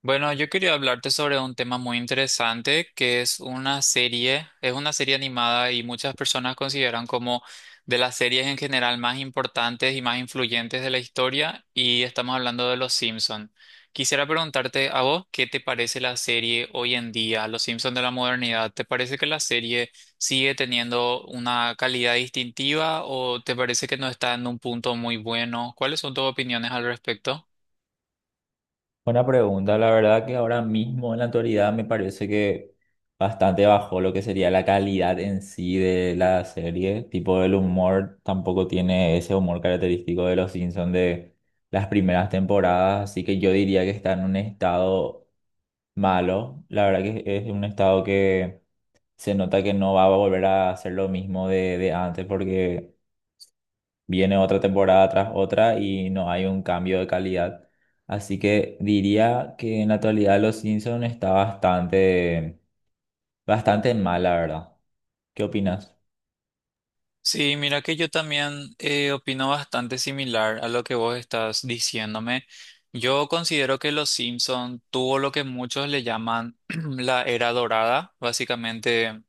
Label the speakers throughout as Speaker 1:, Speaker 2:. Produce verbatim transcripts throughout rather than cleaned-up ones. Speaker 1: Bueno, yo quería hablarte sobre un tema muy interesante que es una serie, es una serie animada y muchas personas consideran como de las series en general más importantes y más influyentes de la historia y estamos hablando de Los Simpson. Quisiera preguntarte a vos, ¿qué te parece la serie hoy en día, Los Simpson de la modernidad? ¿Te parece que la serie sigue teniendo una calidad distintiva o te parece que no está en un punto muy bueno? ¿Cuáles son tus opiniones al respecto?
Speaker 2: Buena pregunta, la verdad que ahora mismo en la actualidad me parece que bastante bajó lo que sería la calidad en sí de la serie, tipo el humor tampoco tiene ese humor característico de los Simpsons de las primeras temporadas, así que yo diría que está en un estado malo, la verdad que es un estado que se nota que no va a volver a hacer lo mismo de, de antes porque viene otra temporada tras otra y no hay un cambio de calidad. Así que diría que en la actualidad Los Simpson está bastante, bastante mal, la verdad. ¿Qué opinas?
Speaker 1: Sí, mira que yo también eh, opino bastante similar a lo que vos estás diciéndome. Yo considero que Los Simpson tuvo lo que muchos le llaman la era dorada, básicamente.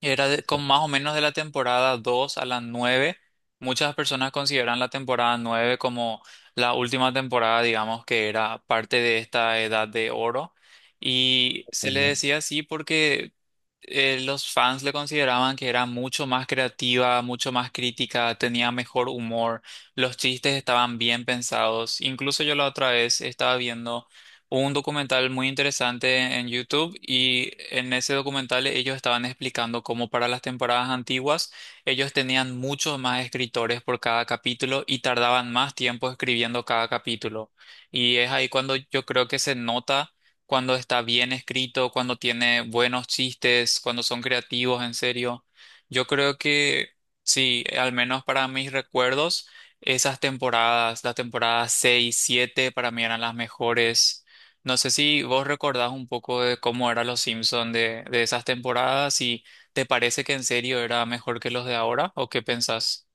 Speaker 1: Era de- con más o menos de la temporada dos a la nueve. Muchas personas consideran la temporada nueve como la última temporada, digamos, que era parte de esta edad de oro. Y se le decía así porque eh, los fans le consideraban que era mucho más creativa, mucho más crítica, tenía mejor humor, los chistes estaban bien pensados. Incluso yo la otra vez estaba viendo, hubo un documental muy interesante en YouTube y en ese documental ellos estaban explicando cómo para las temporadas antiguas ellos tenían muchos más escritores por cada capítulo y tardaban más tiempo escribiendo cada capítulo. Y es ahí cuando yo creo que se nota cuando está bien escrito, cuando tiene buenos chistes, cuando son creativos, en serio. Yo creo que sí, al menos para mis recuerdos. Esas temporadas, las temporadas seis siete para mí eran las mejores. No sé si vos recordás un poco de cómo eran los Simpsons de, de esas temporadas, si te parece que en serio era mejor que los de ahora o qué pensás.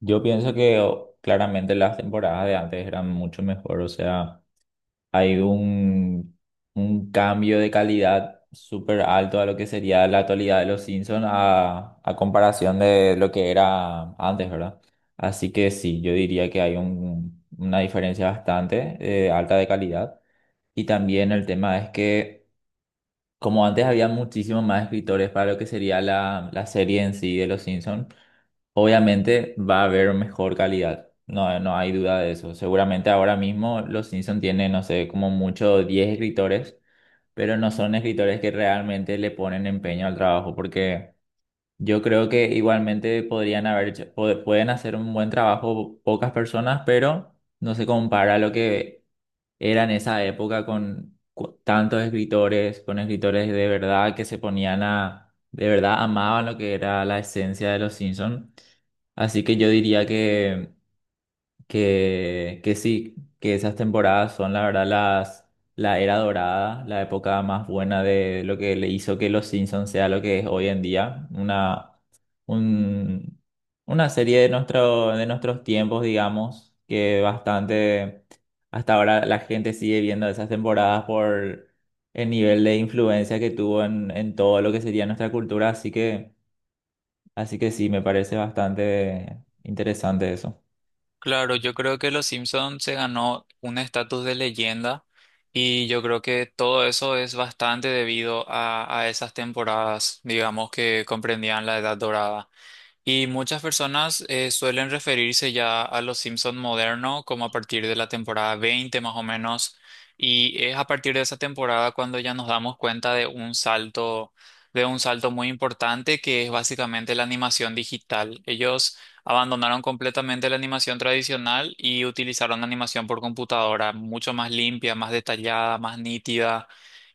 Speaker 2: Yo pienso que o- claramente las temporadas de antes eran mucho mejor, o sea. Hay un, un cambio de calidad súper alto a lo que sería la actualidad de los Simpsons a, a comparación de lo que era antes, ¿verdad? Así que sí, yo diría que hay un- una diferencia bastante eh, alta de calidad. Y también el tema es que, como antes había muchísimos más escritores para lo que sería la, la serie en sí de los Simpsons, obviamente va a haber mejor calidad. No, no hay duda de eso. Seguramente ahora mismo los Simpson tienen, no sé, como mucho diez escritores, pero no son escritores que realmente le ponen empeño al trabajo, porque yo creo que igualmente podrían haber hecho- pod- pueden hacer un buen trabajo pocas personas, pero no se compara a lo que era en esa época con cu- tantos escritores, con escritores de verdad que se ponían a, de verdad amaban lo que era la esencia de los Simpsons. Así que yo diría que, que, que sí, que esas temporadas son la verdad las, la era dorada, la época más buena de lo que le hizo que los Simpsons sea lo que es hoy en día, una un- una serie de nuestro, de nuestros tiempos, digamos, que bastante, hasta ahora la gente sigue viendo esas temporadas por el nivel de influencia que tuvo en, en todo lo que sería nuestra cultura, así que, así que sí, me parece bastante interesante eso.
Speaker 1: Claro, yo creo que los Simpsons se ganó un estatus de leyenda y yo creo que todo eso es bastante debido a, a esas temporadas, digamos, que comprendían la Edad Dorada. Y muchas personas eh, suelen referirse ya a los Simpson modernos como a partir de la temporada veinte más o menos. Y es a partir de esa temporada cuando ya nos damos cuenta de un salto, de un salto muy importante que es básicamente la animación digital. Ellos abandonaron completamente la animación tradicional y utilizaron animación por computadora, mucho más limpia, más detallada, más nítida.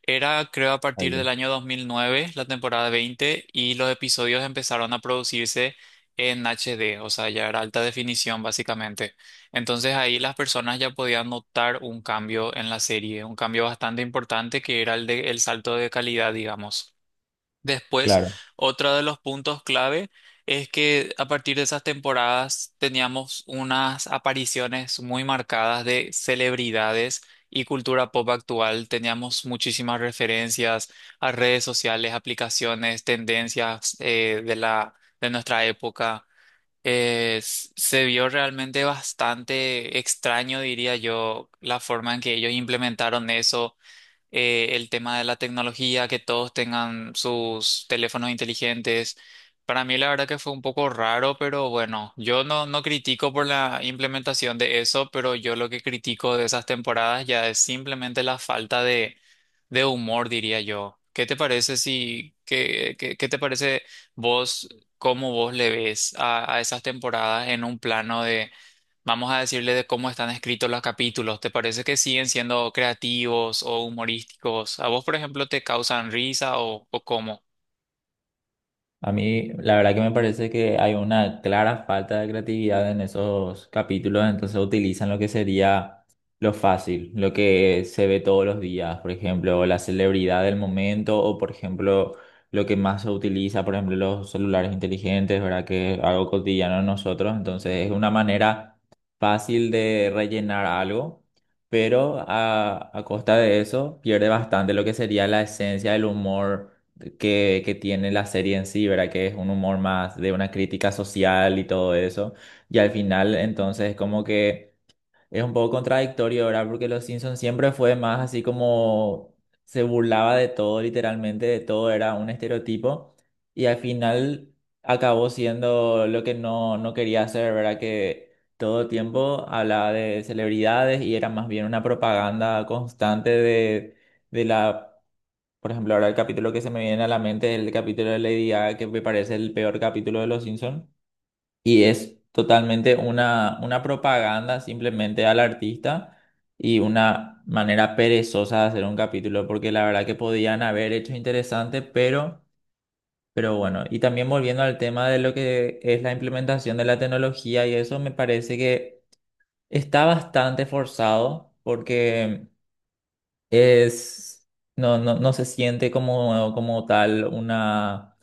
Speaker 1: Era, creo, a
Speaker 2: Ahí
Speaker 1: partir
Speaker 2: va.
Speaker 1: del año dos mil nueve la temporada veinte y los episodios empezaron a producirse en H D, o sea, ya era alta definición básicamente. Entonces ahí las personas ya podían notar un cambio en la serie, un cambio bastante importante que era el de, el salto de calidad, digamos. Después,
Speaker 2: Claro.
Speaker 1: otro de los puntos clave es que a partir de esas temporadas teníamos unas apariciones muy marcadas de celebridades y cultura pop actual. Teníamos muchísimas referencias a redes sociales, aplicaciones, tendencias eh, de la, de nuestra época. Eh, s- se vio realmente bastante extraño, diría yo, la forma en que ellos implementaron eso, eh, el tema de la tecnología, que todos tengan sus teléfonos inteligentes. Para mí la verdad que fue un poco raro, pero bueno, yo no, no critico por la implementación de eso, pero yo lo que critico de esas temporadas ya es simplemente la falta de, de humor, diría yo. ¿Qué te parece si, qué, qué, qué te parece vos, cómo vos le ves a, a esas temporadas en un plano de, vamos a decirle, de cómo están escritos los capítulos? ¿Te parece que siguen siendo creativos o humorísticos? ¿A vos, por ejemplo, te causan risa o, o cómo?
Speaker 2: A mí, la verdad que me parece que hay una clara falta de creatividad en esos capítulos, entonces utilizan lo que sería lo fácil, lo que se ve todos los días, por ejemplo, la celebridad del momento o, por ejemplo, lo que más se utiliza, por ejemplo, los celulares inteligentes, ¿verdad? Que es algo cotidiano en nosotros, entonces es una manera fácil de rellenar algo, pero a, a costa de eso pierde bastante lo que sería la esencia del humor que, que tiene la serie en sí, ¿verdad? Que es un humor más de una crítica social y todo eso. Y al final, entonces, como que es un poco contradictorio, ¿verdad? Porque Los Simpsons siempre fue más así como se burlaba de todo, literalmente, de todo, era un estereotipo. Y al final acabó siendo lo que no, no quería hacer, ¿verdad? Que todo el tiempo hablaba de celebridades y era más bien una propaganda constante de de la por ejemplo, ahora el capítulo que se me viene a la mente es el capítulo de Lady Gaga, que me parece el peor capítulo de Los Simpsons. Y es totalmente una, una propaganda simplemente al artista y una manera perezosa de hacer un capítulo, porque la verdad que podían haber hecho interesante, pero, pero bueno. Y también volviendo al tema de lo que es la implementación de la tecnología y eso, me parece que está bastante forzado, porque es, no, no, no se siente como, como tal una,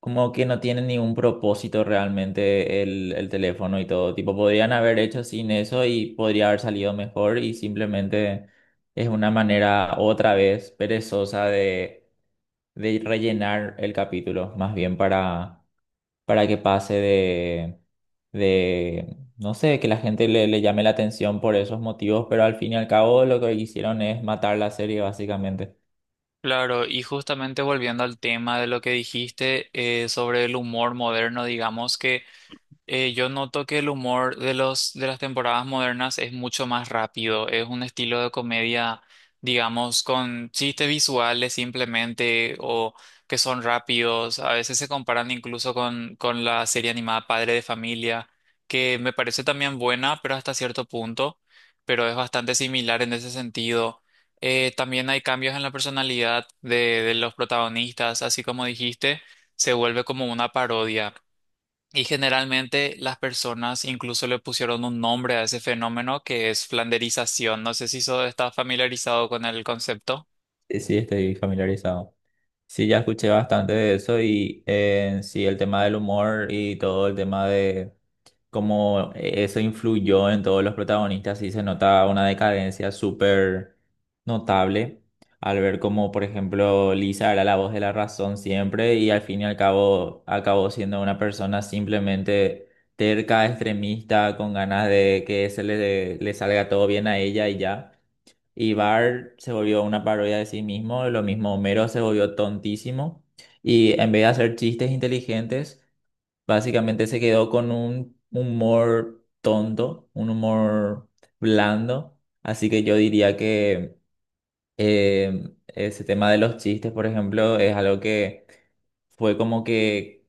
Speaker 2: como que no tiene ningún propósito realmente el, el teléfono y todo. Tipo, podrían haber hecho sin eso y podría haber salido mejor y simplemente es una manera otra vez perezosa de, de rellenar el capítulo, más bien para, para que pase de, de, no sé, que la gente le, le llame la atención por esos motivos, pero al fin y al cabo lo que hicieron es matar la serie básicamente.
Speaker 1: Claro, y justamente volviendo al tema de lo que dijiste eh, sobre el humor moderno, digamos que Eh, yo noto que el humor de los, de las temporadas modernas es mucho más rápido. Es un estilo de comedia, digamos, con chistes visuales simplemente o que son rápidos. A veces se comparan incluso con, con la serie animada Padre de Familia, que me parece también buena, pero hasta cierto punto, pero es bastante similar en ese sentido. Eh, también hay cambios en la personalidad de, de los protagonistas, así como dijiste, se vuelve como una parodia. Y generalmente las personas incluso le pusieron un nombre a ese fenómeno que es flanderización. No sé si eso está familiarizado con el concepto.
Speaker 2: Sí, sí, estoy familiarizado. Sí, ya escuché bastante de eso y eh, sí, el tema del humor y todo el tema de cómo eso influyó en todos los protagonistas, sí se nota una decadencia súper notable al ver cómo, por ejemplo, Lisa era la voz de la razón siempre y al fin y al cabo acabó siendo una persona simplemente terca, extremista, con ganas de que se le, le salga todo bien a ella y ya. Y Bar se volvió una parodia de sí mismo, lo mismo Homero se volvió tontísimo y en vez de hacer chistes inteligentes, básicamente se quedó con un humor tonto, un humor blando. Así que yo diría que eh, ese tema de los chistes, por ejemplo, es algo que fue como que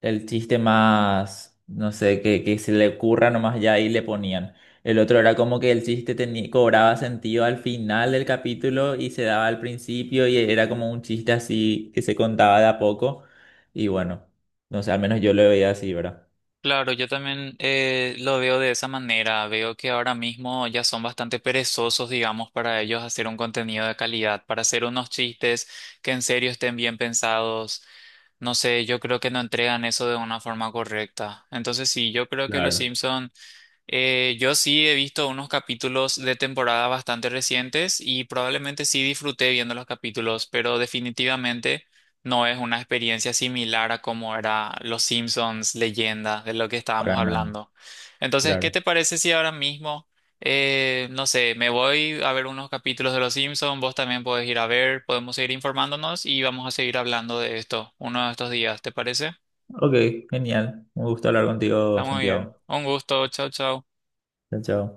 Speaker 2: el chiste más, no sé, que, que se le ocurra nomás ya y le ponían. El otro era como que el chiste tenía, cobraba sentido al final del capítulo y se daba al principio y era como un chiste así que se contaba de a poco. Y bueno, no sé, al menos yo lo veía así, ¿verdad?
Speaker 1: Claro, yo también eh, lo veo de esa manera. Veo que ahora mismo ya son bastante perezosos, digamos, para ellos hacer un contenido de calidad, para hacer unos chistes que en serio estén bien pensados. No sé, yo creo que no entregan eso de una forma correcta. Entonces sí, yo creo que los
Speaker 2: Claro.
Speaker 1: Simpson. Eh, yo sí he visto unos capítulos de temporada bastante recientes y probablemente sí disfruté viendo los capítulos, pero definitivamente no es una experiencia similar a como era Los Simpsons, leyenda, de lo que estábamos
Speaker 2: Para nada,
Speaker 1: hablando. Entonces, ¿qué
Speaker 2: claro.
Speaker 1: te parece si ahora mismo, eh, no sé, me voy a ver unos capítulos de Los Simpsons, vos también podés ir a ver, podemos seguir informándonos y vamos a seguir hablando de esto uno de estos días, ¿te parece?
Speaker 2: Ok, genial. Un gusto hablar
Speaker 1: Está
Speaker 2: contigo,
Speaker 1: muy bien.
Speaker 2: Santiago.
Speaker 1: Un gusto, chao, chao.
Speaker 2: Chao, chao.